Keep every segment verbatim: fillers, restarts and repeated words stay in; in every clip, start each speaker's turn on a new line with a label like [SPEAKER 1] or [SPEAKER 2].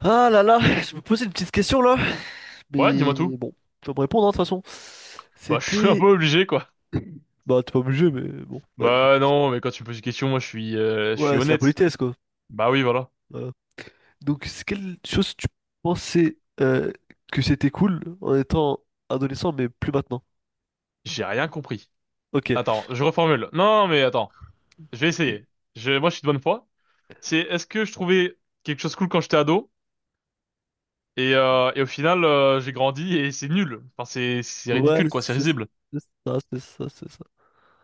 [SPEAKER 1] Ah là là, je me posais une petite question là,
[SPEAKER 2] Ouais, dis-moi tout.
[SPEAKER 1] mais bon, tu vas me répondre hein, de toute façon.
[SPEAKER 2] Bah, je suis un
[SPEAKER 1] C'était...
[SPEAKER 2] peu obligé, quoi.
[SPEAKER 1] Bah t'es pas obligé, mais bon, bref.
[SPEAKER 2] Bah non, mais quand tu me poses une question, moi, je suis, euh, je suis
[SPEAKER 1] Ouais, c'est la
[SPEAKER 2] honnête.
[SPEAKER 1] politesse quoi.
[SPEAKER 2] Bah oui, voilà.
[SPEAKER 1] Voilà. Donc c'est quelle chose tu pensais euh, que c'était cool en étant adolescent, mais plus maintenant?
[SPEAKER 2] J'ai rien compris.
[SPEAKER 1] Ok.
[SPEAKER 2] Attends, je reformule. Non, mais attends, je vais essayer. Je, moi, je suis de bonne foi. C'est, est-ce que je trouvais quelque chose cool quand j'étais ado et, euh, et au final, euh, j'ai grandi et c'est nul. Enfin, c'est, c'est
[SPEAKER 1] Ouais,
[SPEAKER 2] ridicule, quoi. C'est
[SPEAKER 1] c'est
[SPEAKER 2] risible.
[SPEAKER 1] c'est ça, c'est ça, c'est ça.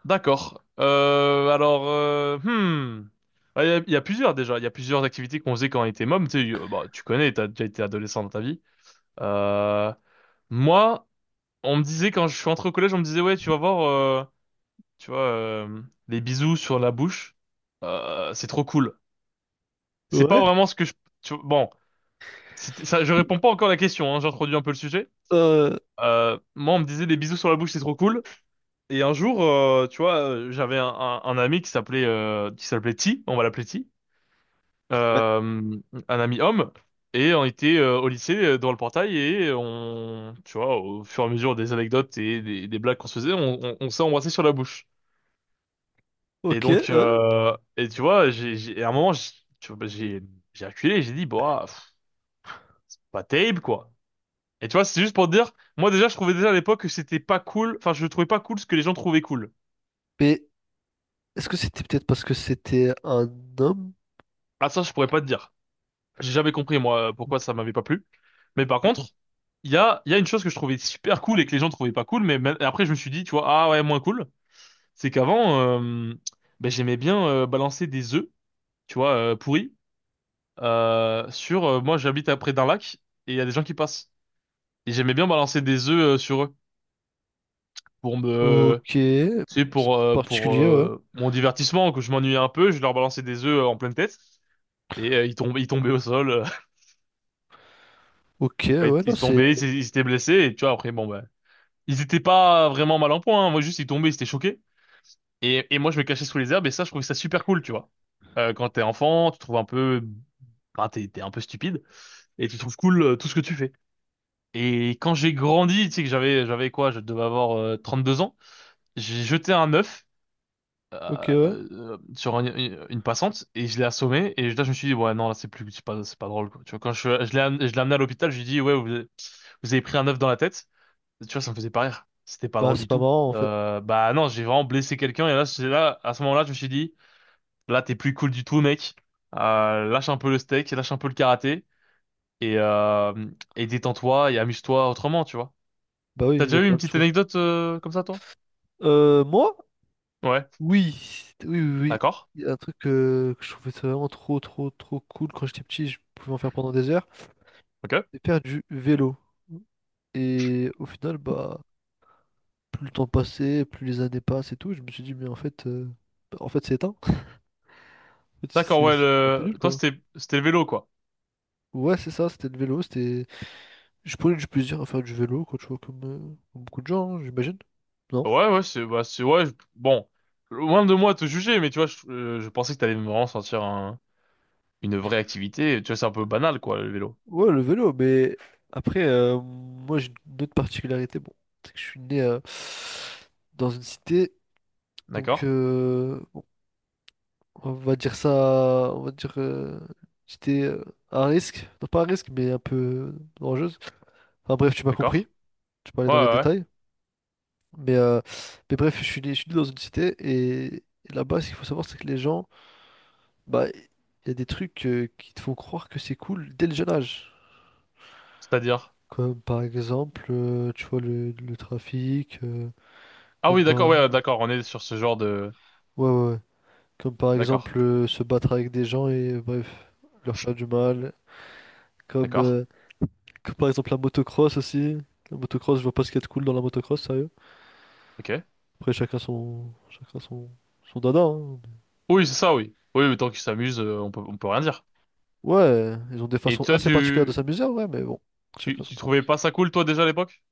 [SPEAKER 2] D'accord. Euh, alors, euh, hmm. Ah, Il y, a il y a plusieurs déjà, il y a plusieurs activités qu'on faisait quand on était môme, tu sais, euh, bah, tu connais, t'as déjà été adolescent dans ta vie. Euh, Moi, on me disait quand je suis entré au collège, on me disait ouais, tu vas voir, euh, tu vois, euh, les bisous sur la bouche, euh, c'est trop cool. C'est pas
[SPEAKER 1] Ouais.
[SPEAKER 2] vraiment ce que je, tu bon, c'était ça, je réponds pas encore à la question, hein, j'introduis un peu le sujet.
[SPEAKER 1] Euh...
[SPEAKER 2] Euh, moi, on me disait les bisous sur la bouche, c'est trop cool. Et un jour, euh, tu vois, euh, j'avais un, un, un ami qui s'appelait euh, qui s'appelait T, on va l'appeler T,
[SPEAKER 1] Ouais.
[SPEAKER 2] euh, un ami homme. Et on était euh, au lycée euh, dans le portail et on, tu vois, au fur et à mesure des anecdotes et des, des blagues qu'on se faisait, on, on, on s'est embrassé sur la bouche. Et
[SPEAKER 1] Ok,
[SPEAKER 2] donc,
[SPEAKER 1] ouais.
[SPEAKER 2] euh, et tu vois, j'ai, j'ai- et à un moment, j'ai, tu vois, j'ai j'ai reculé, j'ai dit, bah, pff, pas terrible, quoi. Et tu vois, c'est juste pour te dire, moi déjà, je trouvais déjà à l'époque que c'était pas cool, enfin, je trouvais pas cool ce que les gens trouvaient cool.
[SPEAKER 1] Mais est-ce que c'était peut-être parce que c'était un homme?
[SPEAKER 2] Ah, ça, je pourrais pas te dire. J'ai jamais compris, moi, pourquoi ça m'avait pas plu. Mais par contre, il y a, il y a une chose que je trouvais super cool et que les gens trouvaient pas cool, mais même- après, je me suis dit, tu vois, ah ouais, moins cool, c'est qu'avant, euh, ben, j'aimais bien euh, balancer des œufs, tu vois, euh, pourris, euh, sur, euh, moi, j'habite à près d'un lac, et il y a des gens qui passent. Et j'aimais bien balancer des œufs euh, sur eux pour
[SPEAKER 1] Ok.
[SPEAKER 2] me,
[SPEAKER 1] C'est
[SPEAKER 2] tu sais, pour euh, pour
[SPEAKER 1] particulier, ouais.
[SPEAKER 2] euh, mon divertissement, que je m'ennuyais un peu, je leur balançais des œufs euh, en pleine tête et euh, ils tombaient, ils tombaient au sol, euh,
[SPEAKER 1] Ok,
[SPEAKER 2] bah, ils
[SPEAKER 1] ouais, non,
[SPEAKER 2] ils
[SPEAKER 1] c'est...
[SPEAKER 2] tombaient, ils s'é- ils s'étaient blessés et tu vois après, bon, bah, ils étaient pas vraiment mal en point, hein. Moi juste ils tombaient, ils étaient choqués et et moi je me cachais sous les herbes et ça je trouvais ça super cool, tu vois. Euh, quand t'es enfant, tu trouves un peu, bah, t'es t'es un peu stupide et tu trouves cool euh, tout ce que tu fais. Et quand j'ai grandi, tu sais que j'avais j'avais quoi, je devais avoir euh, trente-deux ans, j'ai jeté un œuf
[SPEAKER 1] Ok,
[SPEAKER 2] euh,
[SPEAKER 1] ouais.
[SPEAKER 2] euh, sur un- une, une passante et je l'ai assommé et là je me suis dit ouais non, là c'est plus, c'est pas c'est pas drôle, quoi. Tu vois quand je, je l'ai am- je l'ai amené à l'hôpital, je lui ai dit ouais vous, avez vous avez pris un œuf dans la tête. Tu vois, ça me faisait pas rire. C'était pas
[SPEAKER 1] Bah,
[SPEAKER 2] drôle
[SPEAKER 1] c'est
[SPEAKER 2] du
[SPEAKER 1] pas
[SPEAKER 2] tout.
[SPEAKER 1] marrant en fait.
[SPEAKER 2] Euh, bah non, j'ai vraiment blessé quelqu'un et là, c'est là, à ce moment-là, je me suis dit là t'es plus cool du tout, mec. Euh, lâche un peu le steak, lâche un peu le karaté et euh, et détends-toi et amuse-toi autrement, tu vois.
[SPEAKER 1] Bah oui,
[SPEAKER 2] T'as
[SPEAKER 1] il y
[SPEAKER 2] déjà
[SPEAKER 1] a
[SPEAKER 2] eu
[SPEAKER 1] plein
[SPEAKER 2] une
[SPEAKER 1] de
[SPEAKER 2] petite
[SPEAKER 1] choses.
[SPEAKER 2] anecdote euh, comme ça, toi?
[SPEAKER 1] Euh, moi?
[SPEAKER 2] Ouais,
[SPEAKER 1] Oui, oui, oui, oui.
[SPEAKER 2] d'accord.
[SPEAKER 1] Il y a un truc euh, que je trouvais ça vraiment trop, trop, trop cool quand j'étais petit, je pouvais en faire pendant des heures.
[SPEAKER 2] OK.
[SPEAKER 1] C'est faire du vélo. Et au final, bah, plus le temps passait, plus les années passent et tout, je me suis dit, mais en fait, euh, en fait, c'est éteint. En fait,
[SPEAKER 2] D'accord,
[SPEAKER 1] C'est
[SPEAKER 2] ouais,
[SPEAKER 1] c'est un peu
[SPEAKER 2] le,
[SPEAKER 1] nul,
[SPEAKER 2] toi
[SPEAKER 1] quoi.
[SPEAKER 2] c'était c'était le vélo, quoi.
[SPEAKER 1] Ouais, c'est ça, c'était le vélo, c'était... Je prenais du plaisir à faire du vélo, quoi, tu vois, comme, euh, comme beaucoup de gens, hein, j'imagine. Non?
[SPEAKER 2] Ouais, ouais, c'est, bah, c'est, ouais, je- bon, loin de moi te juger, mais tu vois, je, euh, je pensais que t'allais vraiment sentir un- une vraie activité. Tu vois, c'est un peu banal, quoi, le vélo.
[SPEAKER 1] Ouais, le vélo, mais après, euh, moi j'ai une autre particularité. Bon, c'est que je suis né euh, dans une cité, donc
[SPEAKER 2] D'accord?
[SPEAKER 1] euh, bon, on va dire ça, on va dire euh, j'étais euh, à un risque, non pas à risque, mais un peu dangereuse. Enfin bref, tu m'as compris,
[SPEAKER 2] D'accord?
[SPEAKER 1] je peux aller
[SPEAKER 2] Ouais,
[SPEAKER 1] dans
[SPEAKER 2] ouais,
[SPEAKER 1] les
[SPEAKER 2] ouais.
[SPEAKER 1] détails. Mais, euh, mais bref, je suis né, je suis né dans une cité et, et là-bas, ce qu'il faut savoir, c'est que les gens, bah, il y a des trucs euh, qui te font croire que c'est cool dès le jeune âge.
[SPEAKER 2] C'est-à-dire?
[SPEAKER 1] Comme par exemple, euh, tu vois, le, le trafic, euh,
[SPEAKER 2] Ah
[SPEAKER 1] comme
[SPEAKER 2] oui, d'accord,
[SPEAKER 1] par...
[SPEAKER 2] ouais, d'accord, on est sur ce genre de.
[SPEAKER 1] Ouais, ouais, ouais. Comme par
[SPEAKER 2] D'accord,
[SPEAKER 1] exemple, euh, se battre avec des gens et, euh, bref, leur faire du mal. Comme,
[SPEAKER 2] d'accord,
[SPEAKER 1] euh, comme par exemple la motocross aussi. La motocross, je vois pas ce qu'il y a de cool dans la motocross, sérieux.
[SPEAKER 2] ok.
[SPEAKER 1] Après, chacun son... Chacun son... Son dada, hein.
[SPEAKER 2] Oui, c'est ça, oui. Oui, mais tant qu'ils s'amusent, euh, on peut, on peut rien dire.
[SPEAKER 1] Ouais, ils ont des
[SPEAKER 2] Et
[SPEAKER 1] façons
[SPEAKER 2] toi,
[SPEAKER 1] assez particulières de
[SPEAKER 2] tu,
[SPEAKER 1] s'amuser, ouais, mais bon,
[SPEAKER 2] tu,
[SPEAKER 1] chacun son
[SPEAKER 2] tu
[SPEAKER 1] truc.
[SPEAKER 2] trouvais pas ça cool, toi, déjà, à l'époque?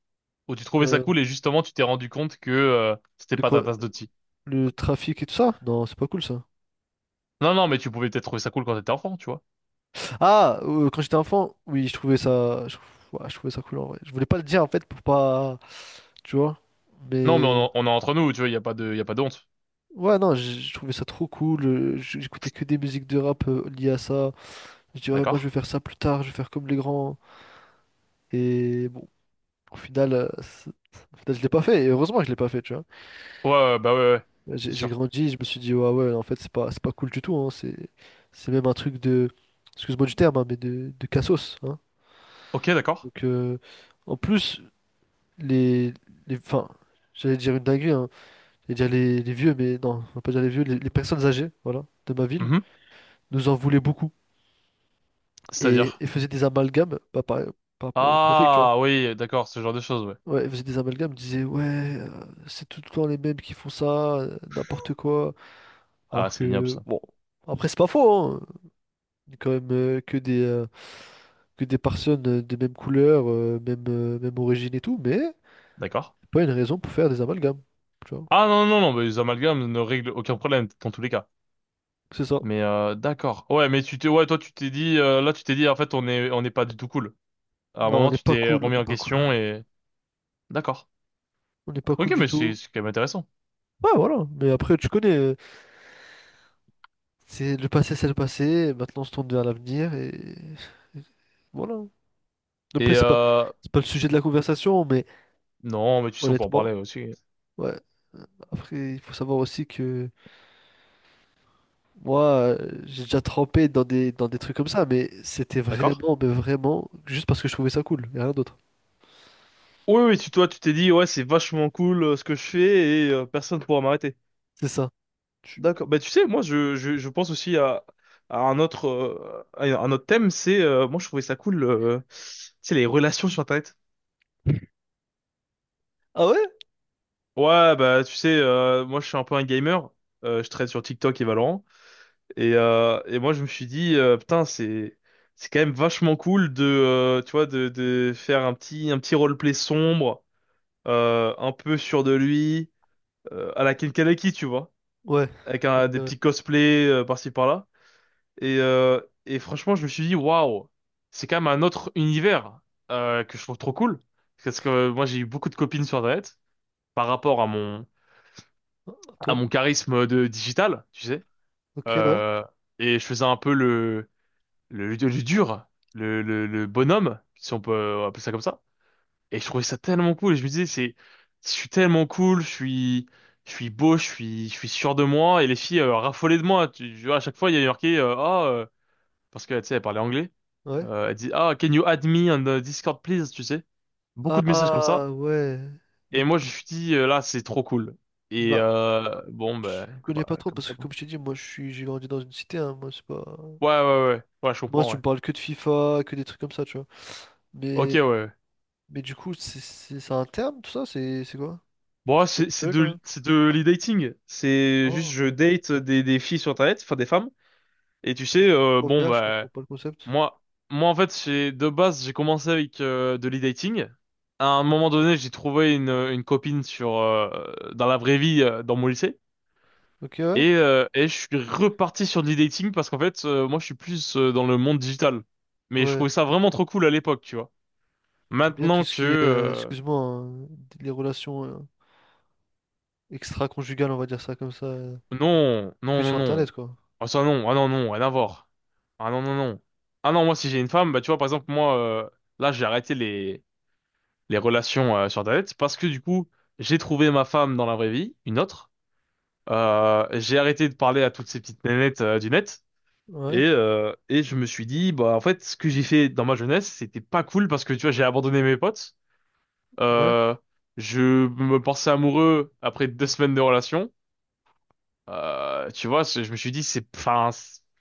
[SPEAKER 2] Ou tu trouvais ça
[SPEAKER 1] Euh,
[SPEAKER 2] cool et justement, tu t'es rendu compte que, euh, c'était
[SPEAKER 1] de
[SPEAKER 2] pas ta
[SPEAKER 1] quoi?
[SPEAKER 2] tasse de thé?
[SPEAKER 1] Le trafic et tout ça? Non, c'est pas cool ça.
[SPEAKER 2] Non, non, mais tu pouvais peut-être trouver ça cool quand t'étais enfant, tu vois.
[SPEAKER 1] Ah, euh, quand j'étais enfant, oui, je trouvais ça, je, ouais, je trouvais ça cool en vrai. Je voulais pas le dire en fait pour pas, tu vois.
[SPEAKER 2] Non, mais
[SPEAKER 1] Mais
[SPEAKER 2] on, on est entre nous, tu vois, il n'y a pas de, il a pas de honte.
[SPEAKER 1] ouais, non, je je trouvais ça trop cool. euh, j- J'écoutais que des musiques de rap euh, liées à ça. Je disais, ouais, moi
[SPEAKER 2] D'accord?
[SPEAKER 1] je vais faire ça plus tard, je vais faire comme les grands. Et bon, au final, euh, c'est- au final, je l'ai pas fait. Et heureusement que je l'ai pas fait, tu vois.
[SPEAKER 2] Ouais, ouais, bah ouais, ouais, c'est
[SPEAKER 1] J'ai j'ai
[SPEAKER 2] sûr.
[SPEAKER 1] grandi, je me suis dit, ouais, ouais, en fait, c'est pas, c'est pas cool du tout. Hein, C'est, c'est même un truc de, excuse-moi du terme, hein, mais de, de cassos, hein.
[SPEAKER 2] Ok, d'accord.
[SPEAKER 1] Donc, euh, en plus, les, les, enfin, j'allais dire une dinguerie, hein. J'allais dire les, les vieux, mais non, on va pas dire les vieux, les, les personnes âgées, voilà, de ma ville,
[SPEAKER 2] Mhm.
[SPEAKER 1] nous en voulaient beaucoup et,
[SPEAKER 2] C'est-à-dire?
[SPEAKER 1] et faisaient des amalgames, pas par, par rapport au trafic, tu vois.
[SPEAKER 2] Ah, oui, d'accord, ce genre de choses, ouais.
[SPEAKER 1] Ouais, ils faisaient des amalgames, ils disaient, ouais, euh, c'est tout le temps les mêmes qui font ça, euh, n'importe quoi.
[SPEAKER 2] Ah,
[SPEAKER 1] Alors
[SPEAKER 2] c'est ignoble,
[SPEAKER 1] que,
[SPEAKER 2] ça.
[SPEAKER 1] bon, après, c'est pas faux, hein. Il y a quand même, euh, que des, euh, que des personnes euh, des mêmes couleurs, euh, même, euh, même origine et tout, mais
[SPEAKER 2] D'accord.
[SPEAKER 1] c'est pas une raison pour faire des amalgames, tu vois.
[SPEAKER 2] Ah, non, non, non, mais les amalgames ne règlent aucun problème, dans tous les cas.
[SPEAKER 1] C'est ça.
[SPEAKER 2] Mais, euh, d'accord. Ouais, mais tu t'es, ouais, toi, tu t'es dit, euh, là, tu t'es dit, en fait, on est, on n'est pas du tout cool. À un
[SPEAKER 1] Non, on
[SPEAKER 2] moment,
[SPEAKER 1] n'est
[SPEAKER 2] tu
[SPEAKER 1] pas
[SPEAKER 2] t'es
[SPEAKER 1] cool, on
[SPEAKER 2] remis
[SPEAKER 1] n'est
[SPEAKER 2] en
[SPEAKER 1] pas cool.
[SPEAKER 2] question et, d'accord.
[SPEAKER 1] On n'est pas
[SPEAKER 2] Ok,
[SPEAKER 1] cool du
[SPEAKER 2] mais
[SPEAKER 1] tout.
[SPEAKER 2] c'est, c'est quand même intéressant.
[SPEAKER 1] Ouais, voilà. Mais après, tu connais, euh, c'est le passé, c'est le passé. Maintenant, on se tourne vers l'avenir et... et voilà. Après,
[SPEAKER 2] Et,
[SPEAKER 1] c'est pas,
[SPEAKER 2] euh,
[SPEAKER 1] c'est pas le sujet de la conversation, mais
[SPEAKER 2] non, mais tu sais, on peut en
[SPEAKER 1] honnêtement,
[SPEAKER 2] parler aussi.
[SPEAKER 1] ouais. Après, il faut savoir aussi que moi, euh, j'ai déjà trempé dans des, dans des trucs comme ça, mais c'était
[SPEAKER 2] D'accord?
[SPEAKER 1] vraiment, mais vraiment, juste parce que je trouvais ça cool, et rien d'autre.
[SPEAKER 2] Oui, oui, tu, toi, tu t'es dit, ouais, c'est vachement cool euh, ce que je fais et euh, personne ne pourra m'arrêter.
[SPEAKER 1] C'est ça. Tu-
[SPEAKER 2] D'accord. Bah, tu sais, moi, je, je, je pense aussi à, à un autre, euh, à un autre thème, c'est, euh, moi, je trouvais ça cool, euh, tu sais, les relations sur Internet.
[SPEAKER 1] Ah ouais?
[SPEAKER 2] Ouais, bah, tu sais, euh, moi, je suis un peu un gamer, euh, je traîne sur TikTok et Valorant, et, euh, et moi, je me suis dit, euh, putain, c'est, c'est quand même vachement cool de, euh, tu vois, de, de faire un petit, un petit roleplay sombre, euh, un peu sûr de lui, euh, à la Ken Kaneki, tu vois.
[SPEAKER 1] Ouais.
[SPEAKER 2] Avec
[SPEAKER 1] Ok,
[SPEAKER 2] un- des
[SPEAKER 1] ouais.
[SPEAKER 2] petits cosplays euh, par-ci par-là. Et, euh, et franchement, je me suis dit, waouh, c'est quand même un autre univers euh, que je trouve trop cool. Parce que euh, moi, j'ai eu beaucoup de copines sur Internet par rapport à mon, à
[SPEAKER 1] Attends.
[SPEAKER 2] mon charisme de digital, tu sais.
[SPEAKER 1] Ok, ouais.
[SPEAKER 2] Euh, et je faisais un peu le, le, le dur, le, le, le bonhomme, si on peut appeler ça comme ça. Et je trouvais ça tellement cool. Et je me disais, c'est, je suis tellement cool, je suis, je suis beau, je suis, je suis sûr de moi. Et les filles euh, raffolaient de moi. Tu, tu vois, à chaque fois, il y a marqué, euh, ah, euh, parce que, tu sais, elle parlait anglais.
[SPEAKER 1] Ouais.
[SPEAKER 2] Euh, elle dit, ah, can you add me on the Discord, please, tu sais. Beaucoup de messages comme ça.
[SPEAKER 1] Ah ouais. Mais
[SPEAKER 2] Et moi, je me suis dit, euh, là, c'est trop cool. Et
[SPEAKER 1] bah,
[SPEAKER 2] euh, bon,
[SPEAKER 1] je
[SPEAKER 2] bah,
[SPEAKER 1] connais pas
[SPEAKER 2] bah,
[SPEAKER 1] trop
[SPEAKER 2] comme
[SPEAKER 1] parce
[SPEAKER 2] ça.
[SPEAKER 1] que
[SPEAKER 2] Bon.
[SPEAKER 1] comme je t'ai dit, moi je suis j'ai grandi dans une cité, hein, moi c'est pas.
[SPEAKER 2] Ouais, ouais, ouais. Ouais, je
[SPEAKER 1] Moi
[SPEAKER 2] comprends,
[SPEAKER 1] tu
[SPEAKER 2] ouais.
[SPEAKER 1] me parles que de FIFA, que des trucs comme ça, tu vois.
[SPEAKER 2] Ok, ouais.
[SPEAKER 1] Mais
[SPEAKER 2] Ouais.
[SPEAKER 1] mais du coup, c'est c'est- c'est un terme tout ça, c'est c'est quoi?
[SPEAKER 2] Bon,
[SPEAKER 1] Parce
[SPEAKER 2] ouais,
[SPEAKER 1] que ça
[SPEAKER 2] c'est c'est
[SPEAKER 1] peut quand même.
[SPEAKER 2] de, c'est de l'e-dating. C'est juste,
[SPEAKER 1] Ah,
[SPEAKER 2] je
[SPEAKER 1] ok.
[SPEAKER 2] date des, des filles sur Internet, enfin des femmes. Et tu sais, euh,
[SPEAKER 1] Pourquoi
[SPEAKER 2] bon,
[SPEAKER 1] faire? Je comprends
[SPEAKER 2] bah,
[SPEAKER 1] pas le concept.
[SPEAKER 2] Moi, moi en fait, j'ai de base, j'ai commencé avec euh, de l'e-dating. À un moment donné, j'ai trouvé une, une copine sur euh, dans la vraie vie, euh, dans mon lycée,
[SPEAKER 1] Ok, ouais.
[SPEAKER 2] et euh, et je suis reparti sur de l'e-dating parce qu'en fait, euh, moi, je suis plus euh, dans le monde digital. Mais je
[SPEAKER 1] Ouais.
[SPEAKER 2] trouvais ça vraiment trop cool à l'époque, tu vois.
[SPEAKER 1] T'aimes bien tout
[SPEAKER 2] Maintenant
[SPEAKER 1] ce
[SPEAKER 2] que
[SPEAKER 1] qui est, euh,
[SPEAKER 2] euh,
[SPEAKER 1] excuse-moi, hein, les relations euh, extra-conjugales, on va dire ça comme ça, euh,
[SPEAKER 2] non, non,
[SPEAKER 1] que
[SPEAKER 2] non,
[SPEAKER 1] sur
[SPEAKER 2] non,
[SPEAKER 1] Internet, quoi.
[SPEAKER 2] ah ça non, ah non, non, rien à voir. Ah non, non, non. Ah non, moi, si j'ai une femme, bah tu vois, par exemple, moi, euh, là, j'ai arrêté les relations euh, sur Internet, parce que du coup, j'ai trouvé ma femme dans la vraie vie, une autre. Euh, j'ai arrêté de parler à toutes ces petites nénettes euh, du net. Et,
[SPEAKER 1] Ouais,
[SPEAKER 2] euh, et je me suis dit, bah en fait, ce que j'ai fait dans ma jeunesse, c'était pas cool parce que tu vois, j'ai abandonné mes potes.
[SPEAKER 1] ouais.
[SPEAKER 2] Euh, je me pensais amoureux après deux semaines de relation. Euh, tu vois, c'est- je me suis dit, c'est, enfin,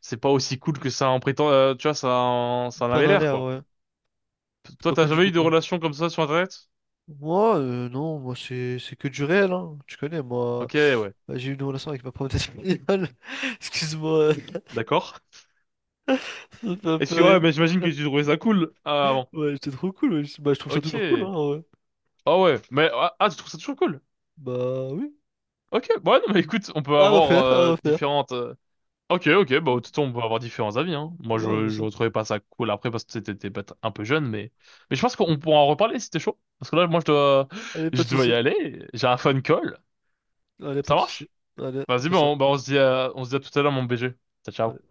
[SPEAKER 2] c'est pas aussi cool que ça en prétend. Euh, tu vois, ça, en- ça en
[SPEAKER 1] T'en
[SPEAKER 2] avait
[SPEAKER 1] as
[SPEAKER 2] l'air,
[SPEAKER 1] l'air,
[SPEAKER 2] quoi.
[SPEAKER 1] ouais. C'est
[SPEAKER 2] Toi,
[SPEAKER 1] pas
[SPEAKER 2] t'as
[SPEAKER 1] cool du
[SPEAKER 2] jamais
[SPEAKER 1] tout,
[SPEAKER 2] eu de
[SPEAKER 1] quoi.
[SPEAKER 2] relation comme ça sur Internet?
[SPEAKER 1] Moi, euh, non, moi c'est c'est que du réel, hein. Tu connais, moi.
[SPEAKER 2] Ok, ouais,
[SPEAKER 1] Bah, j'ai eu une relation avec ma prof d'espagnol. Excuse-moi, euh,
[SPEAKER 2] d'accord.
[SPEAKER 1] ça me fait un
[SPEAKER 2] Et
[SPEAKER 1] peu
[SPEAKER 2] si, ouais,
[SPEAKER 1] rire.
[SPEAKER 2] mais j'imagine que tu trouvais ça cool. Ah, bon.
[SPEAKER 1] Ouais, c'était trop cool, ouais. Bah, je trouve ça
[SPEAKER 2] Ok.
[SPEAKER 1] toujours cool, hein, en vrai.
[SPEAKER 2] Ah ouais. Mais, ah, ah, tu trouves ça toujours cool?
[SPEAKER 1] Bah, oui.
[SPEAKER 2] Ok. Bon, ouais, non, mais écoute, on peut
[SPEAKER 1] À
[SPEAKER 2] avoir
[SPEAKER 1] refaire, à
[SPEAKER 2] euh,
[SPEAKER 1] refaire.
[SPEAKER 2] différentes. euh, Ok, ok, bah, tout on peut avoir différents avis, hein. Moi,
[SPEAKER 1] Ouais,
[SPEAKER 2] je,
[SPEAKER 1] bien
[SPEAKER 2] je
[SPEAKER 1] sûr.
[SPEAKER 2] retrouvais pas ça cool après parce que t'étais t'étais peut-être un peu jeune, mais. Mais je pense qu'on pourra en reparler si t'es chaud. Parce que là, moi, je dois,
[SPEAKER 1] Allez, pas
[SPEAKER 2] je
[SPEAKER 1] de
[SPEAKER 2] dois y
[SPEAKER 1] soucis.
[SPEAKER 2] aller. J'ai un phone call.
[SPEAKER 1] Allez, pas
[SPEAKER 2] Ça
[SPEAKER 1] de soucis.
[SPEAKER 2] marche?
[SPEAKER 1] Allez, on
[SPEAKER 2] Vas-y,
[SPEAKER 1] fait ça.
[SPEAKER 2] bon, bah, on se dit à, on se dit à tout à l'heure, mon B G. Ciao,
[SPEAKER 1] Allez.
[SPEAKER 2] ciao.